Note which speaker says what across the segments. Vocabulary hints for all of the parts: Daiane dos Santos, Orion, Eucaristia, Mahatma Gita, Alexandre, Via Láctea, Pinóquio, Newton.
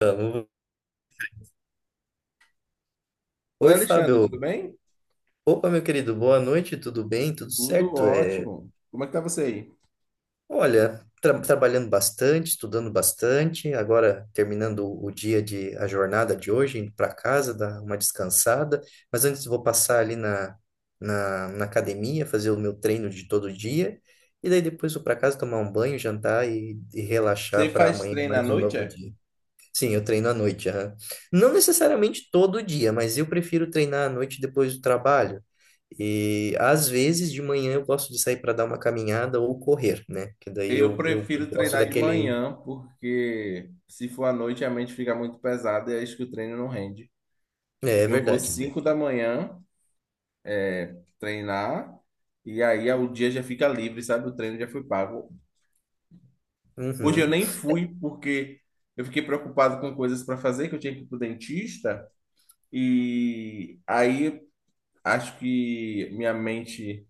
Speaker 1: Vamos.
Speaker 2: Oi,
Speaker 1: Oi,
Speaker 2: Alexandre,
Speaker 1: Fábio.
Speaker 2: tudo bem?
Speaker 1: Opa, meu querido, boa noite, tudo bem? Tudo
Speaker 2: Tudo
Speaker 1: certo?
Speaker 2: ótimo. Como é que tá você aí?
Speaker 1: Olha, trabalhando bastante, estudando bastante, agora terminando o dia de a jornada de hoje, indo para casa, dar uma descansada, mas antes vou passar ali na academia, fazer o meu treino de todo dia, e daí depois vou para casa tomar um banho, jantar e
Speaker 2: Você
Speaker 1: relaxar para
Speaker 2: faz
Speaker 1: amanhã
Speaker 2: treino à
Speaker 1: mais um
Speaker 2: noite,
Speaker 1: novo
Speaker 2: é?
Speaker 1: dia. Sim, eu treino à noite. Aham. Não necessariamente todo dia, mas eu prefiro treinar à noite depois do trabalho. E às vezes de manhã eu gosto de sair para dar uma caminhada ou correr, né? Que daí
Speaker 2: Eu
Speaker 1: eu
Speaker 2: prefiro
Speaker 1: gosto
Speaker 2: treinar de
Speaker 1: daquele.
Speaker 2: manhã, porque se for à noite a mente fica muito pesada e acho que o treino não rende.
Speaker 1: É, é
Speaker 2: Eu vou
Speaker 1: verdade.
Speaker 2: 5 da manhã treinar e aí o dia já fica livre, sabe? O treino já foi pago. Hoje eu
Speaker 1: Uhum.
Speaker 2: nem fui porque eu fiquei preocupado com coisas para fazer, que eu tinha que ir pro dentista e aí acho que minha mente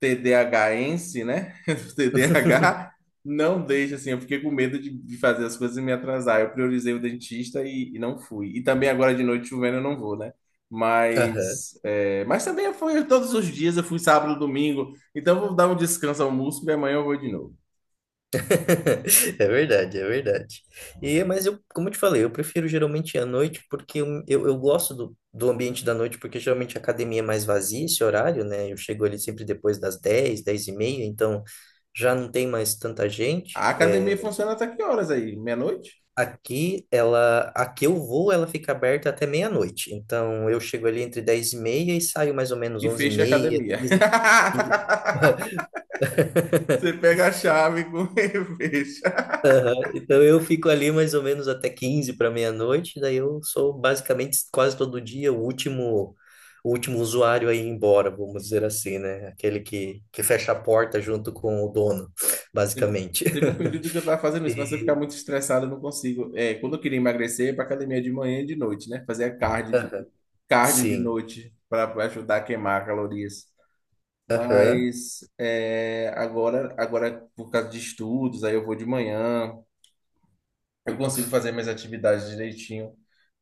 Speaker 2: TDAHense, né? TDAH, não deixa assim. Eu fiquei com medo de fazer as coisas e me atrasar. Eu priorizei o dentista e não fui. E também agora de noite chovendo eu não vou, né?
Speaker 1: Aham.
Speaker 2: Mas também foi todos os dias, eu fui sábado, domingo. Então eu vou dar um descanso ao músculo e amanhã eu vou de novo.
Speaker 1: É verdade, é verdade. E, mas eu, como eu te falei, eu prefiro geralmente à noite porque eu gosto do ambiente da noite, porque geralmente a academia é mais vazia esse horário, né? Eu chego ali sempre depois das 10, 10 e meia, então já não tem mais tanta gente.
Speaker 2: A academia funciona até que horas aí? Meia-noite?
Speaker 1: Aqui, ela, a que eu vou, ela fica aberta até meia-noite. Então eu chego ali entre 10 e meia e saio mais ou menos
Speaker 2: E
Speaker 1: 11 e
Speaker 2: fecha a
Speaker 1: meia,
Speaker 2: academia.
Speaker 1: 15, 15.
Speaker 2: Você pega a chave com e fecha.
Speaker 1: Aham. Então eu fico ali mais ou menos até 15 para meia-noite, daí eu sou basicamente quase todo dia o último usuário a ir embora, vamos dizer assim, né? Aquele que fecha a porta junto com o dono,
Speaker 2: Teve
Speaker 1: basicamente.
Speaker 2: teve um período que eu tava fazendo isso, mas se eu ficar
Speaker 1: E,
Speaker 2: muito estressado, eu não consigo. É, quando eu queria emagrecer, ia pra academia de manhã e de noite, né? Fazer
Speaker 1: aham,
Speaker 2: cardio de
Speaker 1: sim.
Speaker 2: noite para ajudar a queimar calorias.
Speaker 1: Aham.
Speaker 2: Mas agora, por causa de estudos, aí eu vou de manhã. Eu consigo fazer minhas atividades direitinho.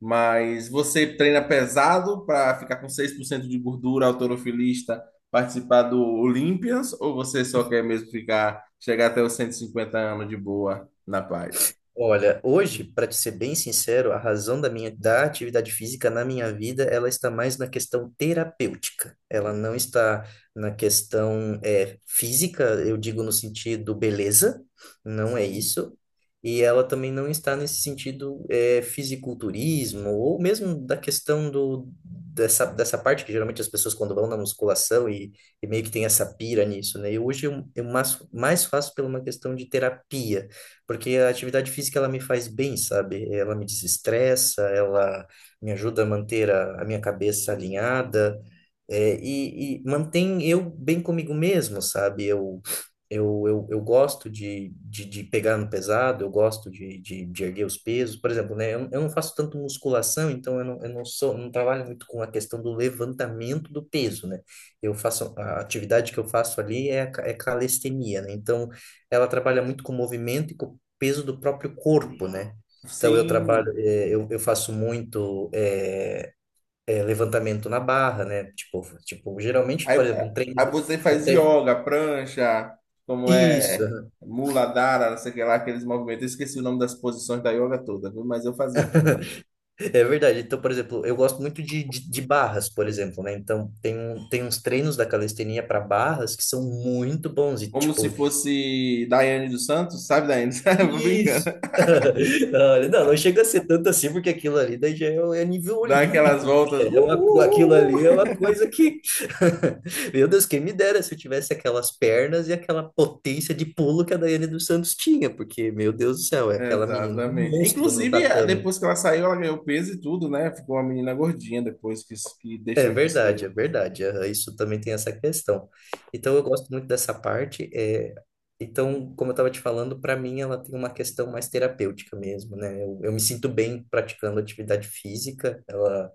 Speaker 2: Mas você treina pesado para ficar com 6% de gordura, autorofilista, participar do Olympians, ou você só quer mesmo ficar, chegar até os 150 anos de boa, na paz?
Speaker 1: Olha, hoje, para te ser bem sincero, a razão da atividade física na minha vida, ela está mais na questão terapêutica. Ela não está na questão física, eu digo no sentido beleza, não é
Speaker 2: Sim.
Speaker 1: isso. E ela também não está nesse sentido fisiculturismo ou mesmo da questão do dessa dessa parte que geralmente as pessoas quando vão na musculação e meio que tem essa pira nisso, né? E hoje eu, eu mais faço pela uma questão de terapia, porque a atividade física ela me faz bem, sabe? Ela me desestressa, ela me ajuda a manter a minha cabeça alinhada. É, e mantém eu bem comigo mesmo, sabe? Eu gosto de pegar no pesado, eu gosto de erguer os pesos. Por exemplo, né? Eu não faço tanto musculação, então eu não sou, não trabalho muito com a questão do levantamento do peso, né? Eu faço, a atividade que eu faço ali é, é calistenia, né? Então, ela trabalha muito com o movimento e com o peso do próprio corpo, né? Então, eu trabalho,
Speaker 2: Sim.
Speaker 1: eu faço muito. Levantamento na barra, né? Geralmente,
Speaker 2: Aí,
Speaker 1: por exemplo, um
Speaker 2: é,
Speaker 1: treino.
Speaker 2: aí você
Speaker 1: Um
Speaker 2: faz
Speaker 1: tre...
Speaker 2: yoga, prancha, como
Speaker 1: Isso,
Speaker 2: é,
Speaker 1: aham.
Speaker 2: mula dara, não sei o que lá, aqueles movimentos. Eu esqueci o nome das posições da yoga toda, viu? Mas eu fazia também.
Speaker 1: É verdade. Então, por exemplo, eu gosto muito de barras, por exemplo, né? Então, tem, tem uns treinos da calistenia para barras que são muito bons. E,
Speaker 2: Como se
Speaker 1: tipo,
Speaker 2: fosse Daiane dos Santos, sabe, Daiane? Eu tô brincando.
Speaker 1: isso. Olha, não, não chega a ser tanto assim, porque aquilo ali daí já é, é nível
Speaker 2: Dá aquelas
Speaker 1: olímpico.
Speaker 2: voltas.
Speaker 1: Né? É uma, aquilo ali é uma coisa que. Meu Deus, quem me dera se eu tivesse aquelas pernas e aquela potência de pulo que a Daiane dos Santos tinha, porque, meu Deus do céu, é aquela menina é um
Speaker 2: Exatamente.
Speaker 1: monstro no
Speaker 2: Inclusive,
Speaker 1: tatame.
Speaker 2: depois que ela saiu, ela ganhou peso e tudo, né? Ficou uma menina gordinha depois que
Speaker 1: É
Speaker 2: deixou de
Speaker 1: verdade, é
Speaker 2: ser.
Speaker 1: verdade. Aham, isso também tem essa questão. Então, eu gosto muito dessa parte. É... Então, como eu estava te falando, para mim ela tem uma questão mais terapêutica mesmo, né? Eu me sinto bem praticando atividade física. Ela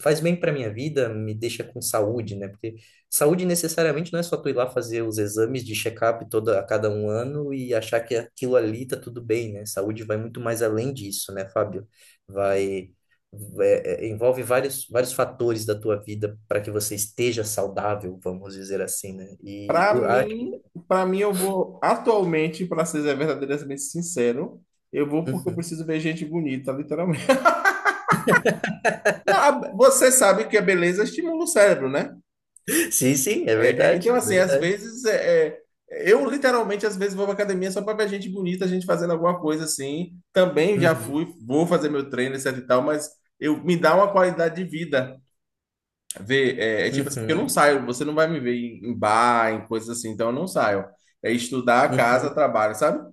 Speaker 1: faz bem para minha vida, me deixa com saúde, né? Porque saúde necessariamente não é só tu ir lá fazer os exames de check-up toda a cada um ano e achar que aquilo ali tá tudo bem, né? Saúde vai muito mais além disso, né, Fábio? Vai envolve vários vários fatores da tua vida para que você esteja saudável, vamos dizer assim, né? E
Speaker 2: Pra
Speaker 1: o a
Speaker 2: mim,
Speaker 1: atividade-
Speaker 2: para mim, eu vou atualmente, pra ser verdadeiramente sincero, eu vou porque eu
Speaker 1: Uhum.
Speaker 2: preciso ver gente bonita, literalmente. Não, você sabe que a beleza estimula o cérebro, né?
Speaker 1: Sim, sim, é
Speaker 2: É, é,
Speaker 1: verdade,
Speaker 2: então,
Speaker 1: é
Speaker 2: assim, às
Speaker 1: verdade.
Speaker 2: vezes eu literalmente às vezes vou pra academia só para ver gente bonita, gente fazendo alguma coisa assim. Também já
Speaker 1: Uhum,
Speaker 2: fui, vou fazer meu treino, etc e tal, mas eu me dá uma qualidade de vida. Ver, tipo assim, porque eu não
Speaker 1: uhum,
Speaker 2: saio, você não vai me ver em bar, em coisas assim, então eu não saio. É estudar, casa,
Speaker 1: uhum.
Speaker 2: trabalho, sabe?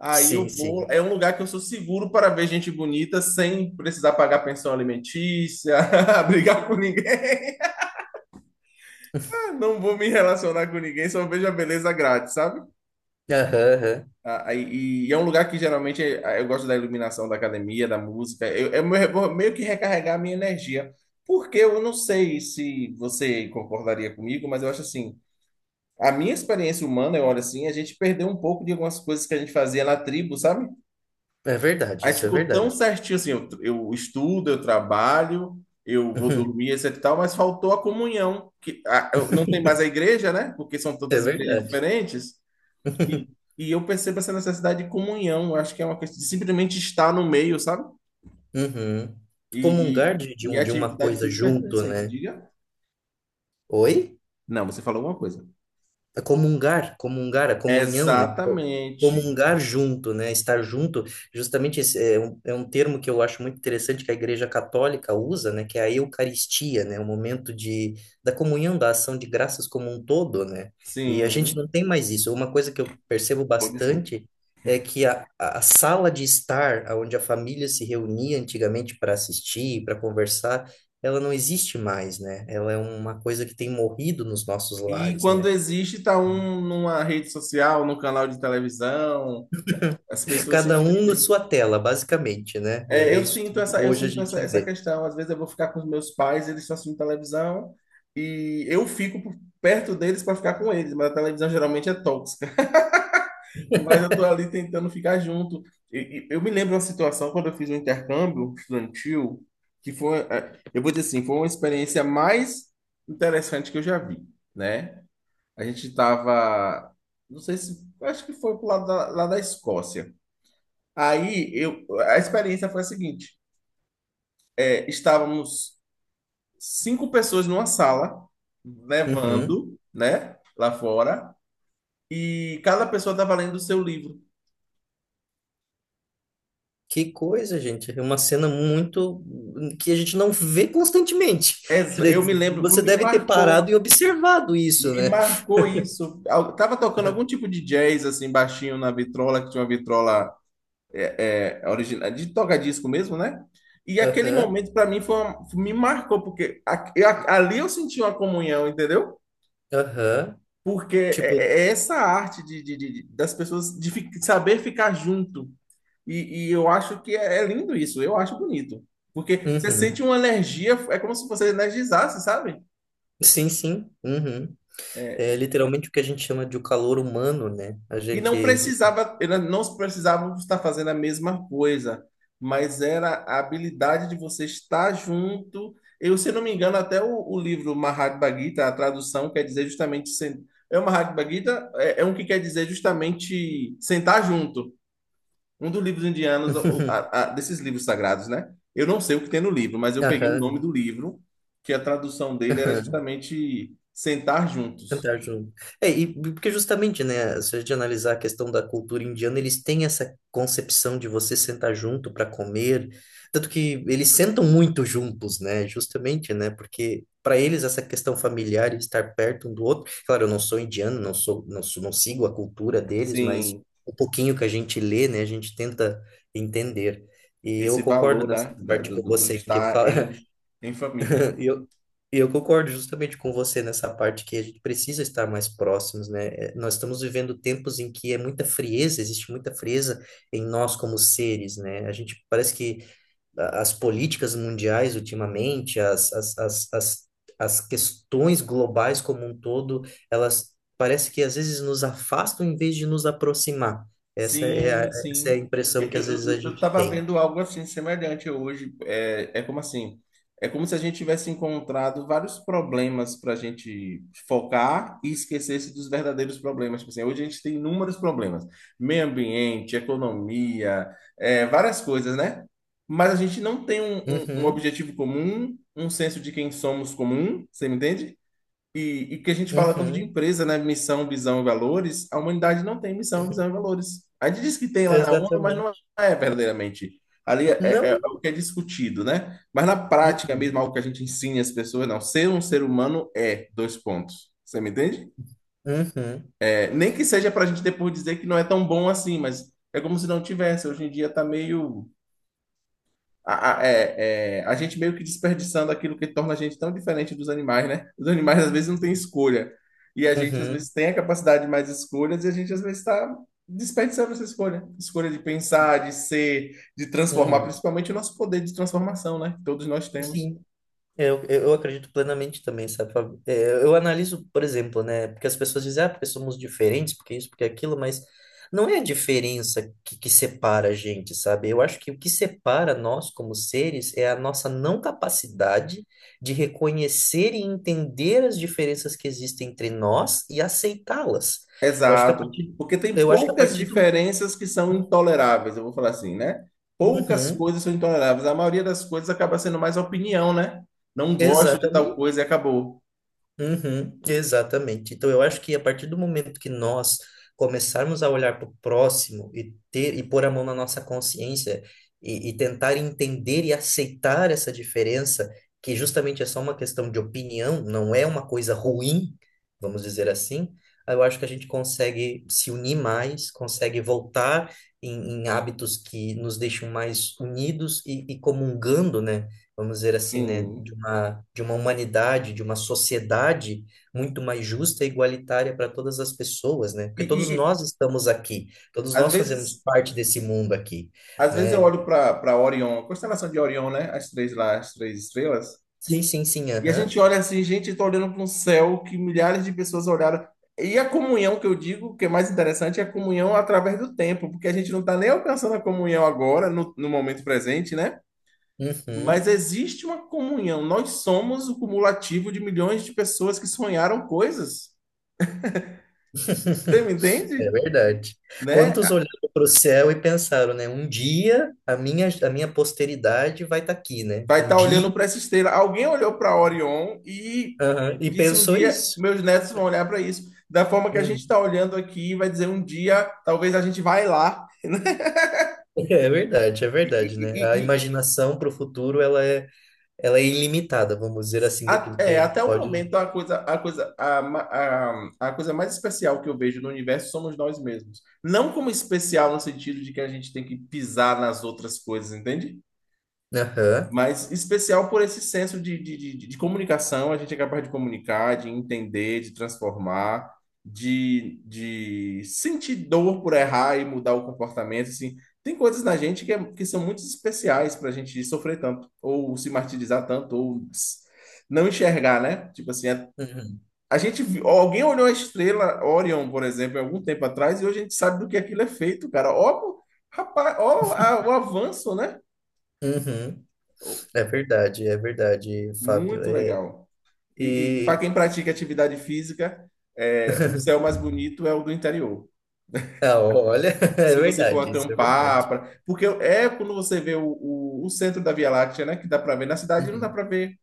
Speaker 2: Aí eu
Speaker 1: Sim,
Speaker 2: vou,
Speaker 1: sim.
Speaker 2: é um lugar que eu sou seguro para ver gente bonita sem precisar pagar pensão alimentícia, brigar com ninguém. Não vou me relacionar com ninguém, só vejo a beleza grátis, sabe?
Speaker 1: Aham, aham.
Speaker 2: Ah, e é um lugar que geralmente eu gosto da iluminação da academia, da música. Eu vou meio que recarregar a minha energia. Porque eu não sei se você concordaria comigo, mas eu acho assim, a minha experiência humana, eu olho assim, a gente perdeu um pouco de algumas coisas que a gente fazia na tribo, sabe?
Speaker 1: É verdade,
Speaker 2: A gente
Speaker 1: isso é
Speaker 2: ficou tão
Speaker 1: verdade.
Speaker 2: certinho assim, eu estudo, eu trabalho, eu vou dormir, etc e tal, mas faltou a comunhão, que não tem mais a igreja, né? Porque são
Speaker 1: É
Speaker 2: todas igrejas
Speaker 1: verdade.
Speaker 2: diferentes. E, e eu percebo essa necessidade de comunhão. Eu acho que é uma questão de simplesmente estar no meio, sabe?
Speaker 1: Uhum. Comungar
Speaker 2: E,
Speaker 1: de, de,
Speaker 2: e
Speaker 1: um,
Speaker 2: a
Speaker 1: de uma
Speaker 2: atividade
Speaker 1: coisa
Speaker 2: física ajuda
Speaker 1: junto,
Speaker 2: isso aí.
Speaker 1: né?
Speaker 2: Diga.
Speaker 1: Oi?
Speaker 2: Não, você falou alguma coisa.
Speaker 1: Comungar, a comunhão, né?
Speaker 2: Exatamente.
Speaker 1: Comungar junto, né? Estar junto, justamente esse é um termo que eu acho muito interessante que a Igreja Católica usa, né? Que é a Eucaristia, né? O momento de, da comunhão, da ação de graças como um todo, né? E a gente
Speaker 2: Sim.
Speaker 1: não tem mais isso. Uma coisa que eu percebo
Speaker 2: Oh, desculpa.
Speaker 1: bastante é que a a sala de estar, onde a família se reunia antigamente para assistir, para conversar, ela não existe mais, né? Ela é uma coisa que tem morrido nos nossos
Speaker 2: E
Speaker 1: lares, né?
Speaker 2: quando existe, tá um numa rede social, num canal de televisão, as pessoas se
Speaker 1: Cada um na
Speaker 2: dividem.
Speaker 1: sua tela, basicamente, né?
Speaker 2: É,
Speaker 1: É é
Speaker 2: eu
Speaker 1: isso
Speaker 2: sinto
Speaker 1: que
Speaker 2: essa, eu
Speaker 1: hoje a
Speaker 2: sinto essa,
Speaker 1: gente
Speaker 2: essa
Speaker 1: vê.
Speaker 2: questão. Às vezes eu vou ficar com os meus pais, eles estão assistindo televisão, e eu fico perto deles para ficar com eles, mas a televisão geralmente é. Mas eu tô ali tentando ficar junto. Eu me lembro de uma situação quando eu fiz um intercâmbio estudantil, que foi, eu vou dizer assim, foi uma experiência mais interessante que eu já vi, né? A gente tava, não sei se, acho que foi pro lado da, lá da Escócia. Aí eu, a experiência foi a seguinte, estávamos cinco pessoas numa sala,
Speaker 1: Uhum.
Speaker 2: nevando, né, lá fora, e cada pessoa estava lendo o seu livro.
Speaker 1: Que coisa, gente. É uma cena muito que a gente não vê constantemente.
Speaker 2: Eu me lembro,
Speaker 1: Você deve ter parado e observado isso,
Speaker 2: me
Speaker 1: né?
Speaker 2: marcou isso. Tava tocando algum tipo de jazz, assim, baixinho na vitrola, que tinha uma vitrola original, de toca-disco mesmo, né? E aquele
Speaker 1: Aham,
Speaker 2: momento, para mim, foi me marcou, porque ali eu senti uma comunhão, entendeu?
Speaker 1: aham.
Speaker 2: Porque
Speaker 1: Tipo,
Speaker 2: é essa arte das pessoas saber ficar junto. E eu acho que é lindo isso, eu acho bonito. Porque você
Speaker 1: uhum.
Speaker 2: sente uma energia, é como se você energizasse, sabe?
Speaker 1: Sim, sim. Uhum. É
Speaker 2: É,
Speaker 1: literalmente o que a gente chama de o calor humano, né? A
Speaker 2: E não
Speaker 1: gente.
Speaker 2: precisava, elas não precisavam estar fazendo a mesma coisa, mas era a habilidade de você estar junto. Eu, se não me engano, até o livro Mahatma Gita, a tradução quer dizer justamente. É o Mahatma Gita, é um que quer dizer justamente sentar junto. Um dos livros indianos, desses livros sagrados, né? Eu não sei o que tem no livro, mas eu peguei o nome
Speaker 1: Aham.
Speaker 2: do livro, que a tradução dele era justamente sentar juntos.
Speaker 1: Central junto. É, e porque justamente, né, se a gente analisar a questão da cultura indiana, eles têm essa concepção de você sentar junto para comer, tanto que eles sentam muito juntos, né, justamente, né, porque para eles essa questão familiar, e estar perto um do outro, claro, eu não sou indiano, não sou, não sigo a cultura deles, mas
Speaker 2: Sim.
Speaker 1: o pouquinho que a gente lê, né, a gente tenta entender. E eu
Speaker 2: Esse
Speaker 1: concordo
Speaker 2: valor,
Speaker 1: nessa
Speaker 2: né, da-
Speaker 1: parte com
Speaker 2: do, do- do
Speaker 1: você que
Speaker 2: estar
Speaker 1: fala,
Speaker 2: em, em família.
Speaker 1: E eu, e eu concordo justamente com você nessa parte que a gente precisa estar mais próximos, né? É, nós estamos vivendo tempos em que é muita frieza, existe muita frieza em nós como seres, né? A gente parece que as políticas mundiais ultimamente, as questões globais como um todo, elas parece que às vezes nos afastam em vez de nos aproximar.
Speaker 2: Sim,
Speaker 1: Essa é a
Speaker 2: sim. Eu,
Speaker 1: impressão que às
Speaker 2: eu,
Speaker 1: vezes a
Speaker 2: eu eu
Speaker 1: gente
Speaker 2: tava
Speaker 1: tem.
Speaker 2: vendo algo assim semelhante hoje. Como assim? É como se a gente tivesse encontrado vários problemas para a gente focar e esquecesse dos verdadeiros problemas. Tipo assim, hoje a gente tem inúmeros problemas: meio ambiente, economia, várias coisas, né? Mas a gente não tem um
Speaker 1: Uhum,
Speaker 2: objetivo comum, um senso de quem somos comum, você me entende? E que a gente fala tanto de
Speaker 1: uhum,
Speaker 2: empresa, né? Missão, visão e valores. A humanidade não tem missão, visão e valores. A gente diz que tem lá na ONU, mas não
Speaker 1: exatamente.
Speaker 2: é verdadeiramente. Ali é,
Speaker 1: Não,
Speaker 2: o
Speaker 1: não.
Speaker 2: que é discutido, né? Mas na prática mesmo,
Speaker 1: Uhum.
Speaker 2: algo que a gente ensina as pessoas, não. Ser um ser humano é dois pontos. Você me entende?
Speaker 1: Uhum,
Speaker 2: É, nem que seja para a gente depois dizer que não é tão bom assim, mas é como se não tivesse. Hoje em dia está meio a gente meio que desperdiçando aquilo que torna a gente tão diferente dos animais, né? Os animais às vezes não têm escolha. E a gente às
Speaker 1: uhum,
Speaker 2: vezes tem a capacidade de mais escolhas e a gente às vezes está desperdiçando essa escolha. Escolha de pensar, de ser, de transformar,
Speaker 1: uhum.
Speaker 2: principalmente o nosso poder de transformação, né? Que todos nós temos.
Speaker 1: Sim, eu acredito plenamente também, sabe? Fábio? É, eu analiso, por exemplo, né? Porque as pessoas dizem, ah, porque somos diferentes, porque isso, porque aquilo, mas não é a diferença que separa a gente, sabe? Eu acho que o que separa nós como seres é a nossa não capacidade de reconhecer e entender as diferenças que existem entre nós e aceitá-las. Eu acho que a
Speaker 2: Exato.
Speaker 1: partir,
Speaker 2: Porque tem
Speaker 1: eu acho que a
Speaker 2: poucas
Speaker 1: partir do.
Speaker 2: diferenças que são intoleráveis, eu vou falar assim, né? Poucas
Speaker 1: Uhum,
Speaker 2: coisas são intoleráveis. A maioria das coisas acaba sendo mais opinião, né? Não gosto de tal
Speaker 1: exatamente.
Speaker 2: coisa e acabou.
Speaker 1: Uhum, exatamente. Então, eu acho que a partir do momento que nós começarmos a olhar para o próximo e ter e pôr a mão na nossa consciência e tentar entender e aceitar essa diferença, que justamente é só uma questão de opinião, não é uma coisa ruim, vamos dizer assim, aí eu acho que a gente consegue se unir mais, consegue voltar em, em hábitos que nos deixam mais unidos e comungando, né? Vamos dizer assim, né,
Speaker 2: Sim.
Speaker 1: de uma humanidade, de uma sociedade muito mais justa e igualitária para todas as pessoas, né?
Speaker 2: E,
Speaker 1: Porque
Speaker 2: e-
Speaker 1: todos
Speaker 2: e,
Speaker 1: nós estamos aqui, todos
Speaker 2: às
Speaker 1: nós fazemos
Speaker 2: vezes,
Speaker 1: parte desse mundo aqui,
Speaker 2: às vezes eu
Speaker 1: né?
Speaker 2: olho para Orion, a constelação de Orion, né? As três lá, as três estrelas.
Speaker 1: Sim, sim,
Speaker 2: E a gente
Speaker 1: aham.
Speaker 2: olha assim, gente, estou olhando para um céu que milhares de pessoas olharam. E a comunhão que eu digo, que é mais interessante, é a comunhão através do tempo, porque a gente não está nem alcançando a comunhão agora, no momento presente, né?
Speaker 1: Uhum.
Speaker 2: Mas existe uma comunhão. Nós somos o cumulativo de milhões de pessoas que sonharam coisas. Você me
Speaker 1: É
Speaker 2: entende?
Speaker 1: verdade.
Speaker 2: Né?
Speaker 1: Quantos olharam para o céu e pensaram, né? Um dia a minha posteridade vai estar aqui, né?
Speaker 2: Vai
Speaker 1: Um
Speaker 2: estar olhando
Speaker 1: dia,
Speaker 2: para essa estrela. Alguém olhou para Orion e
Speaker 1: aham, e
Speaker 2: disse um
Speaker 1: pensou
Speaker 2: dia,
Speaker 1: isso.
Speaker 2: meus netos vão olhar para isso. Da forma que a gente
Speaker 1: Hum.
Speaker 2: está olhando aqui, vai dizer um dia, talvez a gente vai lá. né?
Speaker 1: É
Speaker 2: E,
Speaker 1: verdade,
Speaker 2: e-
Speaker 1: né? A
Speaker 2: e- e
Speaker 1: imaginação para o futuro, ela é ela é ilimitada, vamos dizer assim, daquilo que a gente
Speaker 2: até o
Speaker 1: pode.
Speaker 2: momento, a coisa mais especial que eu vejo no universo somos nós mesmos. Não como especial no sentido de que a gente tem que pisar nas outras coisas, entende?
Speaker 1: Aham.
Speaker 2: Mas especial por esse senso de comunicação, a gente é capaz de comunicar, de entender, de transformar, de sentir dor por errar e mudar o comportamento, assim. Tem coisas na gente que, que são muito especiais para a gente sofrer tanto, ou se martirizar tanto, ou não enxergar, né? Tipo assim,
Speaker 1: Uhum.
Speaker 2: alguém olhou a estrela Orion, por exemplo, há algum tempo atrás, e hoje a gente sabe do que aquilo é feito, cara. Ó, rapaz, ó, o avanço, né?
Speaker 1: Uhum. É verdade, Fábio.
Speaker 2: Muito
Speaker 1: É...
Speaker 2: legal. E, e para
Speaker 1: E.
Speaker 2: quem pratica atividade física, o céu mais bonito é o do interior.
Speaker 1: Ah, olha, é
Speaker 2: Se você for
Speaker 1: verdade, isso é
Speaker 2: acampar,
Speaker 1: verdade.
Speaker 2: porque é quando você vê o centro da Via Láctea, né, que dá para ver. Na cidade não dá
Speaker 1: Uhum.
Speaker 2: para ver,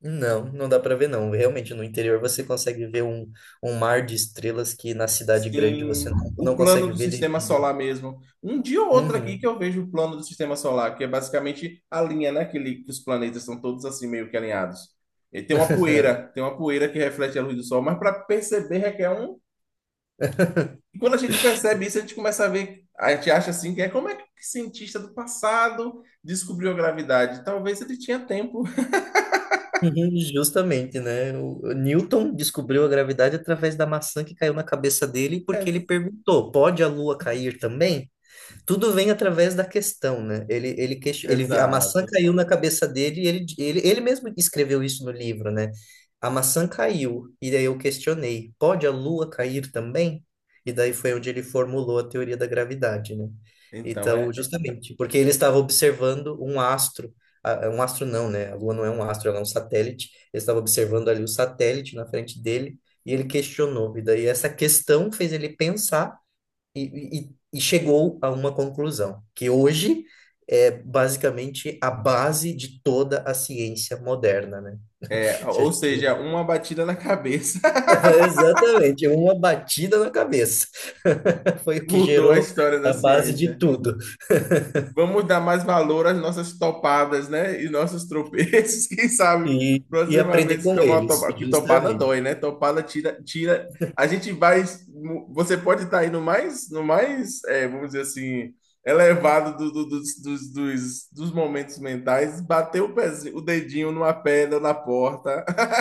Speaker 1: Não, não dá para ver, não. Realmente, no interior você consegue ver um, um mar de estrelas que na cidade grande você
Speaker 2: sim, o
Speaker 1: não
Speaker 2: plano
Speaker 1: consegue
Speaker 2: do
Speaker 1: ver
Speaker 2: sistema
Speaker 1: devido.
Speaker 2: solar mesmo. Um dia ou outro aqui que
Speaker 1: Uhum.
Speaker 2: eu vejo o plano do sistema solar, que é basicamente a linha, né, que os planetas são todos assim meio que alinhados. E tem uma poeira que reflete a luz do sol, mas para perceber requer um. E quando a gente percebe isso, a gente começa a ver, a gente acha assim, que é como é que o cientista do passado descobriu a gravidade? Talvez ele tinha tempo.
Speaker 1: Uhum, justamente, né? O Newton descobriu a gravidade através da maçã que caiu na cabeça dele, porque ele
Speaker 2: Ex-
Speaker 1: perguntou: pode a Lua cair também? Tudo vem através da questão, né? A maçã
Speaker 2: Exato.
Speaker 1: caiu na cabeça dele e ele mesmo escreveu isso no livro, né? A maçã caiu, e daí eu questionei, pode a lua cair também? E daí foi onde ele formulou a teoria da gravidade, né?
Speaker 2: Então
Speaker 1: Então,
Speaker 2: é,
Speaker 1: justamente, porque ele estava observando um astro, ah, um astro não, né? A lua não é um astro, ela é um satélite. Ele estava observando ali o satélite na frente dele e ele questionou. E daí essa questão fez ele pensar e, e chegou a uma conclusão, que hoje é basicamente a base de toda a ciência moderna, né?
Speaker 2: é,
Speaker 1: Se a
Speaker 2: ou
Speaker 1: gente-
Speaker 2: seja, uma batida na cabeça
Speaker 1: Exatamente, uma batida na cabeça. Foi o que
Speaker 2: mudou a
Speaker 1: gerou
Speaker 2: história da
Speaker 1: a base de
Speaker 2: ciência.
Speaker 1: tudo.
Speaker 2: Vamos dar mais valor às nossas topadas, né? E nossos tropeços. Quem sabe,
Speaker 1: E aprender
Speaker 2: proximamente, se
Speaker 1: com
Speaker 2: tomar uma
Speaker 1: eles,
Speaker 2: topada. Que topada dói,
Speaker 1: justamente.
Speaker 2: né? Topada tira, tira. A gente vai. Você pode estar aí no mais, vamos dizer assim, elevado dos momentos mentais, bater o pezinho, o dedinho numa pedra na porta.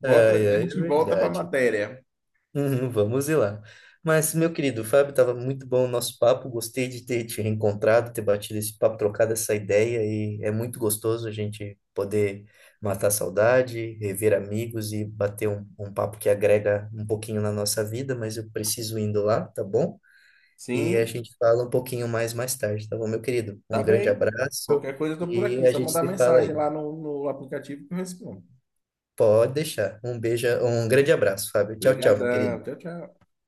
Speaker 2: Bota,
Speaker 1: Ai,
Speaker 2: a
Speaker 1: ai, é
Speaker 2: gente volta para a
Speaker 1: verdade.
Speaker 2: matéria.
Speaker 1: Uhum, vamos ir lá. Mas, meu querido Fábio, estava muito bom o nosso papo. Gostei de ter te reencontrado, ter batido esse papo, trocado essa ideia. E é muito gostoso a gente poder matar a saudade, rever amigos e bater um papo que agrega um pouquinho na nossa vida. Mas eu preciso indo lá, tá bom? E a
Speaker 2: Sim,
Speaker 1: gente fala um pouquinho mais tarde, tá bom, meu querido?
Speaker 2: tá
Speaker 1: Um grande
Speaker 2: bem.
Speaker 1: abraço
Speaker 2: Qualquer coisa eu tô por
Speaker 1: e
Speaker 2: aqui,
Speaker 1: a
Speaker 2: só
Speaker 1: gente
Speaker 2: mandar
Speaker 1: se fala aí.
Speaker 2: mensagem lá no aplicativo que eu respondo.
Speaker 1: Pode deixar. Um beijo, um grande abraço, Fábio. Tchau, tchau, meu querido.
Speaker 2: Obrigadão. Tchau, tchau.